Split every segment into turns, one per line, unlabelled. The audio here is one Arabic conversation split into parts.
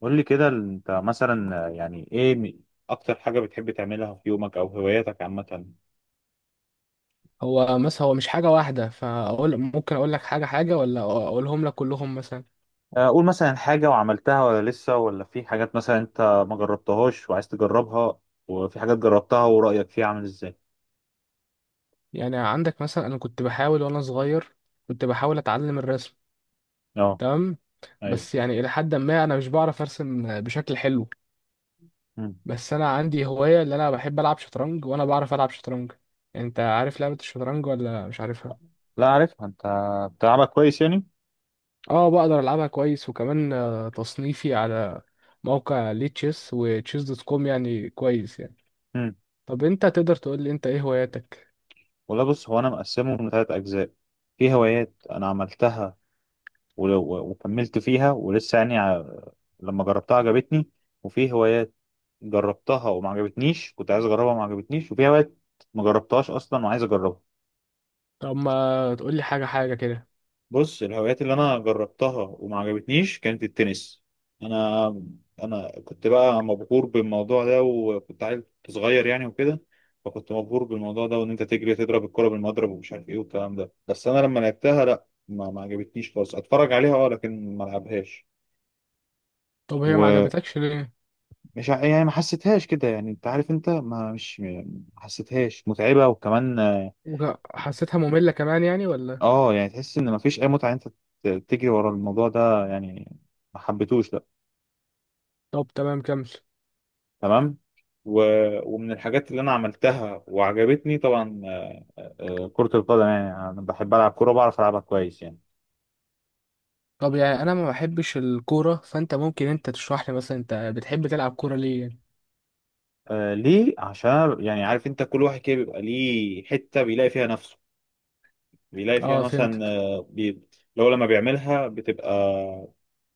قول لي كده، انت مثلا يعني ايه اكتر حاجة بتحب تعملها في يومك او هواياتك عامة؟
هو مش حاجة واحدة فأقول ممكن أقول لك حاجة حاجة ولا أقولهم لك كلهم مثلا.
اقول مثلا حاجة وعملتها ولا لسه، ولا في حاجات مثلا انت ما جربتهاش وعايز تجربها، وفي حاجات جربتها ورأيك فيها عامل ازاي؟
يعني عندك مثلا، أنا كنت بحاول وأنا صغير كنت بحاول أتعلم الرسم.
اه،
تمام.
ايوه.
بس يعني إلى حد ما أنا مش بعرف أرسم بشكل حلو.
مم.
بس أنا عندي هواية اللي أنا بحب ألعب شطرنج وأنا بعرف ألعب شطرنج. أنت عارف لعبة الشطرنج ولا مش عارفها؟
لا عارفها، انت بتلعبها كويس يعني؟
أه بقدر ألعبها كويس، وكمان تصنيفي على موقع ليه تشيس وتشيس دوت كوم يعني كويس يعني.
مم.
طب أنت تقدر تقول لي أنت إيه هواياتك؟
والله بص، هو انا مقسمه لثلاث اجزاء. في هوايات انا عملتها وكملت فيها ولسه، يعني لما جربتها عجبتني. وفي هوايات جربتها وما عجبتنيش، كنت عايز اجربها وما عجبتنيش، وفي هوايات ما جربتهاش اصلا وعايز اجربها.
طب ما تقول لي حاجة حاجة كده.
بص، الهوايات اللي انا جربتها وما عجبتنيش كانت التنس. انا انا كنت بقى مبهور بالموضوع ده وكنت عيل صغير يعني وكده، فكنت مبهور بالموضوع ده، وان انت تجري تضرب الكرة بالمضرب ومش عارف ايه والكلام ده. بس انا لما لعبتها لا، ما عجبتنيش خالص، اتفرج عليها اه، لكن ما العبهاش.
طب هي ما
و...
عجبتكش ليه؟
مش ع- يعني ما حسيتهاش كده، يعني انت عارف، انت ما حسيتهاش متعبة وكمان اه.
حسيتها مملة كمان يعني ولا؟
يعني تحس ان ما فيش اي متعة، انت تجري ورا الموضوع ده يعني، ما حبيتهوش لا.
طب تمام، كمل.
تمام. و... ومن الحاجات اللي انا عملتها وعجبتني طبعا كرة القدم. يعني انا بحب العب كورة، بعرف العبها كويس يعني.
طب يعني انا ما بحبش الكورة، فانت ممكن انت تشرح لي، مثلا انت بتحب تلعب كورة ليه يعني؟
آه ليه؟ عشان أنا يعني عارف، انت كل واحد كده بيبقى ليه حتة بيلاقي فيها نفسه، بيلاقي فيها
اه
مثلا
فهمتك.
لو لما بيعملها بتبقى،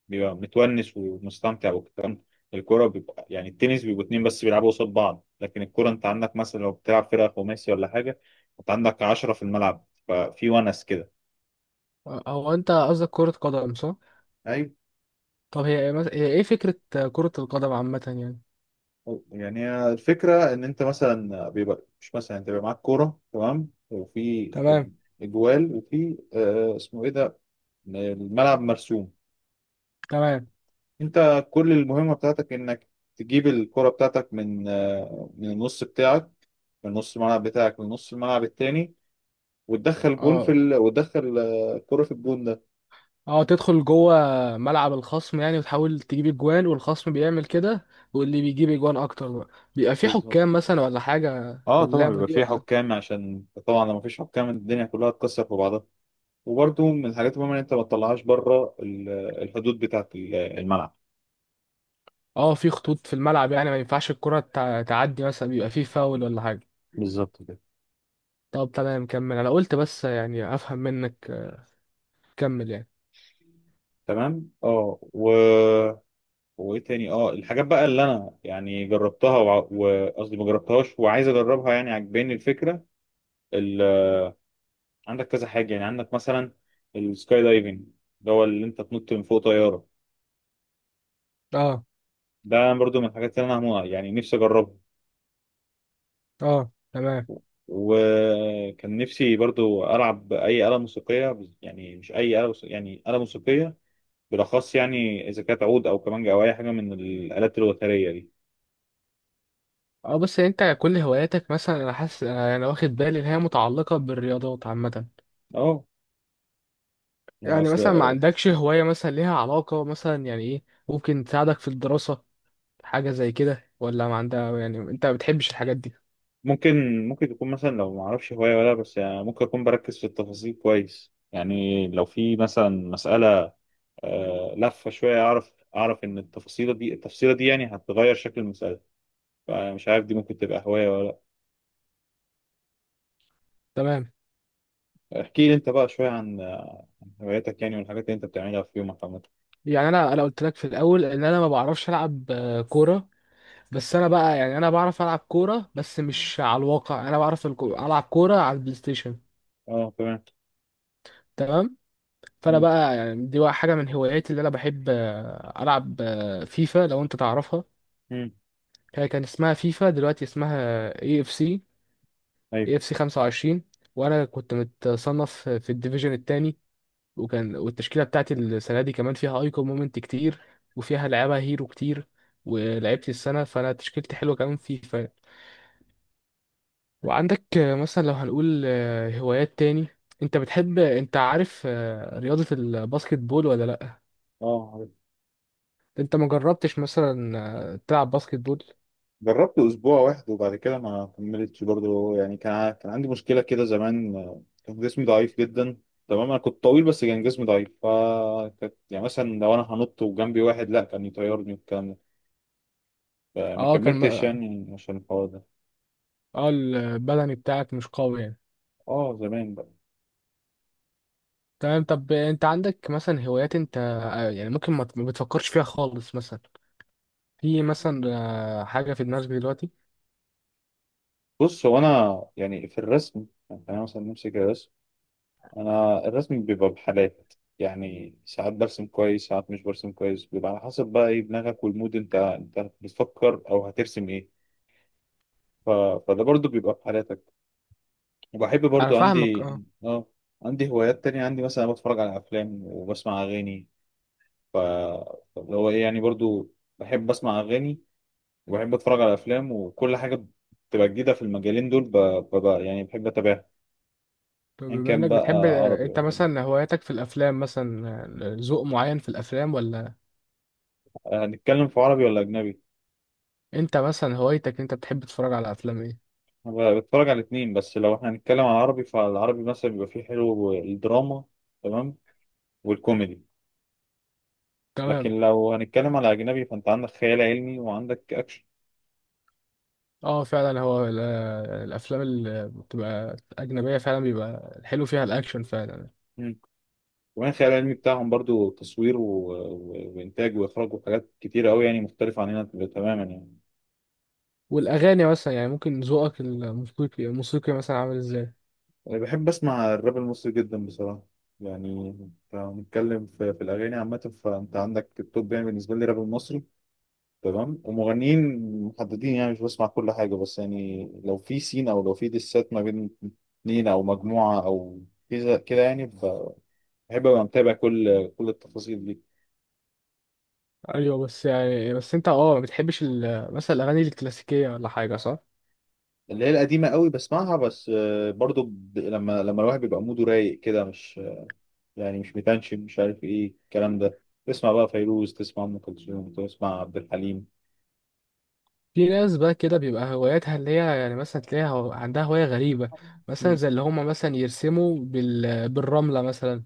بيبقى متونس ومستمتع والكلام. الكوره بيبقى يعني، التنس بيبقوا اتنين بس بيلعبوا قصاد بعض، لكن الكوره انت عندك مثلا لو بتلعب فرقه خماسي ولا حاجه، انت عندك 10 في الملعب، ففي ونس كده.
هو انت قصدك كرة قدم صح؟
ايوه.
طب هي هي ايه فكرة كرة القدم عامة يعني؟
يعني هي الفكرة إن أنت مثلا بيبقى مش مثلا أنت بيبقى معاك كورة تمام، وفي
تمام.
إجوال، وفي آه اسمه إيه ده، الملعب مرسوم.
تمام.
أنت كل المهمة بتاعتك إنك تجيب الكرة بتاعتك من من النص بتاعك، من نص الملعب بتاعك من نص الملعب التاني، وتدخل جون في
اه.
وتدخل كرة في الجون ده.
اه تدخل جوه ملعب الخصم يعني وتحاول تجيب اجوان والخصم بيعمل كده، واللي بيجيب اجوان اكتر بقى. بيبقى في
بالظبط.
حكام مثلا ولا حاجة في
اه طبعا
اللعبة
بيبقى
دي
في
ولا؟
حكام، عشان طبعا لو مفيش حكام الدنيا كلها تكسر في بعضها. وبرده من الحاجات المهمة ان انت ما تطلعهاش بره الحدود بتاعة الملعب.
اه في خطوط في الملعب يعني ما ينفعش الكرة تعدي، مثلا بيبقى في فاول ولا حاجة.
بالظبط كده.
طب تمام كمل، انا قلت بس يعني افهم منك. كمل يعني.
تمام اه، وايه تاني، اه الحاجات بقى اللي انا يعني جربتها وقصدي ما جربتهاش وعايز اجربها، يعني عجباني الفكرة. ال... عندك كذا حاجة، يعني عندك مثلا السكاي دايفنج، اللي هو اللي انت تنط من فوق طيارة.
اه.
ده برضو من الحاجات اللي انا يعني نفسي اجربها.
اه تمام.
وكان نفسي برضو العب اي آلة موسيقية، يعني مش اي آلة موسيقية، يعني آلة موسيقية بالاخص، يعني اذا كانت عود او كمانجا او اي حاجة من الآلات الوترية دي.
اه بس انت كل هواياتك مثلا، انا حاسس، انا أنا واخد بالي ان هي متعلقة بالرياضات عامة.
اه، يعني
يعني
اصل.
مثلا ما عندكش هواية مثلا ليها علاقة مثلا يعني ايه، ممكن تساعدك في الدراسة، حاجة زي كده؟ ولا ما عندها يعني انت ما بتحبش الحاجات دي؟
ممكن تكون مثلا، لو ما اعرفش هواية ولا، بس يعني ممكن اكون بركز في التفاصيل كويس، يعني لو في مثلا مسألة لفة شوية اعرف، اعرف ان التفاصيلة دي التفصيلة دي يعني هتغير شكل المسألة. فمش عارف دي ممكن تبقى هواية ولا.
تمام.
احكي لي انت بقى شوية عن هواياتك يعني، والحاجات اللي انت بتعملها في يومك عامة.
يعني انا قلت لك في الاول ان انا ما بعرفش العب كوره، بس انا بقى يعني انا بعرف العب كوره بس مش على الواقع، انا بعرف العب كوره على البلاي ستيشن.
اه تمام.
تمام. فانا
مم.
بقى يعني دي بقى حاجه من هواياتي اللي انا بحب العب فيفا، لو انت تعرفها.
مم.
هي كان اسمها فيفا، دلوقتي اسمها EA FC.
ايوه.
EA FC 25. وانا كنت متصنف في الديفيجن التاني. وكان والتشكيله بتاعتي السنه دي كمان فيها ايكون مومنت كتير، وفيها لعيبه هيرو كتير، ولعبت السنه، فانا تشكيلتي حلوه كمان فيفا. وعندك مثلا لو هنقول هوايات تاني، انت بتحب، انت عارف رياضة الباسكت بول ولا لا؟
اه عارف.
انت ما جربتش مثلا تلعب باسكت بول؟
جربت اسبوع واحد وبعد كده ما كملتش برضه. يعني كان كان عندي مشكلة كده زمان، كان جسمي ضعيف جدا. تمام، انا كنت طويل بس كان جسمي ضعيف، ف يعني مثلا لو انا هنط وجنبي واحد لا كان يطيرني والكلام ده، فما
اه كان
كملتش يعني عشان الحوار ده.
اه البدني بتاعك مش قوي يعني.
اه زمان بقى.
تمام. طب انت عندك مثلا هوايات، انت يعني ممكن ما بتفكرش فيها خالص، مثلا في مثلا حاجة في دماغك دلوقتي؟
بص هو انا يعني في الرسم، يعني انا مثلا نمسك الرسم. انا الرسم بيبقى بحالات، يعني ساعات برسم كويس، ساعات مش برسم كويس، بيبقى على حسب بقى ايه دماغك والمود، انت بتفكر او هترسم ايه. ف... فده برضو بيبقى بحالاتك. وبحب
انا
برضو
فاهمك
عندي.
اه.
اه. عندي هوايات تانية، عندي مثلا بتفرج على افلام وبسمع اغاني. ف اللي هو ايه يعني، برضو بحب اسمع اغاني، وبحب اتفرج على افلام، وكل حاجة بتبقى جديدة في المجالين دول يعني بحب اتابعها،
طب
ان
بما
كان
انك
بقى
بتحب
عربي او
انت
اجنبي.
مثلا هواياتك في الافلام مثلا، ذوق معين في الافلام ولا؟
هنتكلم في عربي ولا اجنبي؟
انت مثلا هوايتك، انت بتحب تتفرج على افلام ايه؟
أنا بتفرج على الاتنين. بس لو احنا هنتكلم على العربي، فالعربي مثلا بيبقى فيه حلو الدراما، تمام، والكوميدي. لكن
تمام.
لو هنتكلم على أجنبي، فأنت عندك خيال علمي وعندك أكشن.
اه فعلا، هو الافلام اللي بتبقى اجنبيه فعلا بيبقى الحلو فيها الاكشن فعلا.
مم. كمان الخيال العلمي بتاعهم برضو تصوير وإنتاج وإخراج وحاجات كتيرة أوي، يعني مختلفة عننا تماما يعني.
والاغاني مثلا يعني ممكن ذوقك الموسيقي الموسيقي مثلا عامل ازاي؟
أنا بحب أسمع الراب المصري جدا بصراحة. يعني لو هنتكلم في الأغاني عامة، فأنت عندك التوب، يعني بالنسبة لي الراب المصري. تمام، ومغنيين محددين، يعني مش بسمع كل حاجة. بس يعني لو في سين، أو لو في ديسات ما بين اتنين أو مجموعة أو كذا كده يعني، بحب أبقى متابع كل التفاصيل دي.
ايوه بس يعني، بس انت اه ما بتحبش مثلا الاغاني الكلاسيكيه ولا حاجه صح؟
اللي هي القديمة قوي بسمعها. بس برضو لما الواحد بيبقى موده رايق كده، مش يعني مش متنشن، مش عارف إيه الكلام ده، تسمع بقى فيروز، تسمع أم كلثوم، تسمع عبد الحليم.
في ناس بقى كده بيبقى هواياتها اللي هي يعني مثلا تلاقيها عندها هوايه غريبه، مثلا
مم.
زي اللي هم مثلا يرسموا بالرمله، مثلا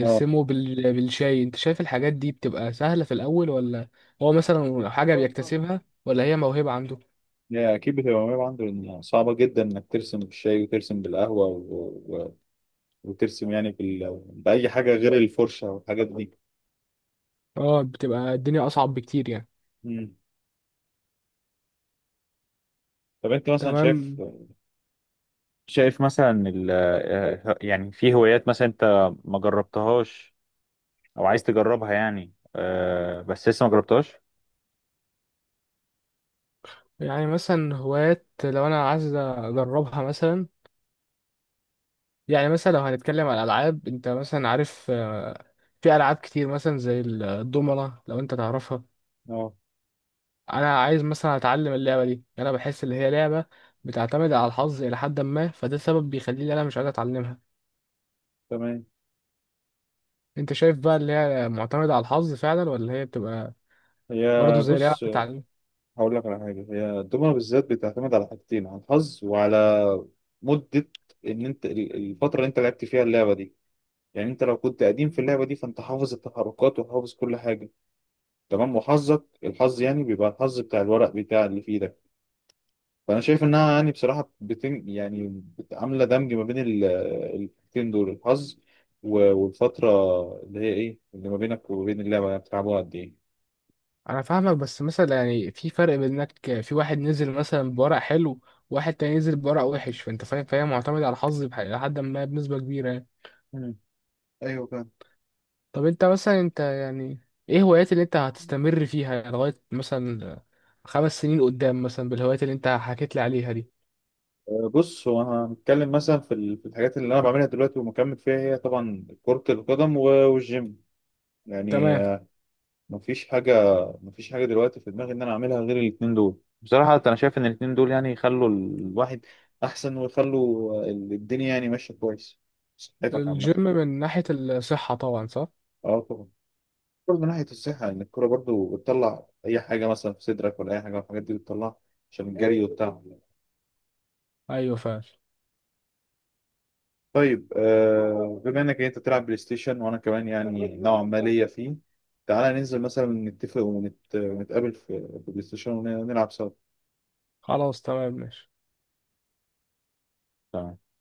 اه.
بالشاي. انت شايف الحاجات دي بتبقى سهلة في الأول ولا؟ هو مثلا حاجة بيكتسبها ولا هي موهبة عنده؟
هي أكيد بتبقى متعب عنده، لأن صعبة جدا إنك ترسم بالشاي وترسم بالقهوة وترسم يعني بأي حاجة غير الفرشة والحاجات دي.
اه بتبقى الدنيا أصعب بكتير يعني.
مم. طب انت مثلا شايف،
تمام.
شايف مثلا ال... آه، يعني في هوايات مثلا انت ما جربتهاش او عايز تجربها، يعني بس لسه ما جربتهاش؟
يعني مثلا هوايات لو أنا عايز أجربها مثلا، يعني مثلا لو هنتكلم على الألعاب، انت مثلا عارف في ألعاب كتير مثلا زي الضمنة، لو انت تعرفها؟
اه
أنا عايز مثلا أتعلم اللعبة دي، أنا بحس إن هي لعبة بتعتمد على الحظ إلى حد ما، فده سبب بيخليني أنا مش عايز أتعلمها.
تمام.
انت شايف بقى اللي هي معتمدة على الحظ فعلا، ولا هي بتبقى
هي
برضه زي لعبة
بص،
تعليم؟
هقول لك على حاجة. هي الدومنة بالذات بتعتمد على حاجتين، على الحظ وعلى مدة ان انت الفترة اللي انت لعبت فيها اللعبة دي. يعني انت لو كنت قديم في اللعبة دي فانت حافظ التحركات وحافظ كل حاجة، تمام، وحظك الحظ يعني، بيبقى الحظ بتاع الورق بتاع اللي في ايدك. فانا شايف انها يعني بصراحه، عامله دمج ما بين الحاجتين دول، الحظ والفتره، اللي هي ايه، اللي ما بينك وما بين اللعبه، يعني بتلعبوها قد ايه.
انا فاهمك، بس مثلا يعني في فرق بين انك في واحد نزل مثلا بورق حلو، وواحد تاني نزل بورق وحش، فانت فاهم، فهي معتمدة على الحظ لحد ما بنسبة كبيرة يعني.
مم. ايوه فاهم.
طب انت مثلا، انت يعني ايه هوايات اللي انت هتستمر فيها لغاية مثلا 5 سنين قدام مثلا، بالهوايات اللي انت حكيت لي عليها دي؟
أه، بص، هو أنا هنتكلم مثلا في في الحاجات اللي انا بعملها دلوقتي ومكمل فيها، هي طبعا كرة القدم والجيم يعني.
تمام.
مفيش حاجة مفيش حاجة دلوقتي في دماغي إن أنا أعملها غير الاتنين دول. بصراحة أنا شايف إن الاتنين دول يعني يخلوا الواحد أحسن، ويخلوا الدنيا يعني ماشية كويس، صحتك
الجيم
عامة.
من ناحية الصحة طبعا صح.
أه طبعا. برضه من ناحية الصحة، إن الكورة برضه بتطلع أي حاجة مثلا في صدرك، ولا أي حاجة من الحاجات دي بتطلعها، عشان الجري والتعب.
ايوه فعلا.
طيب آه، بما إنك أنت بتلعب بلاي ستيشن وأنا كمان يعني نوعا ما ليا فيه، تعالى ننزل مثلا نتفق ونتقابل في في بلاي ستيشن ونلعب سوا.
خلاص تمام ماشي.
تمام.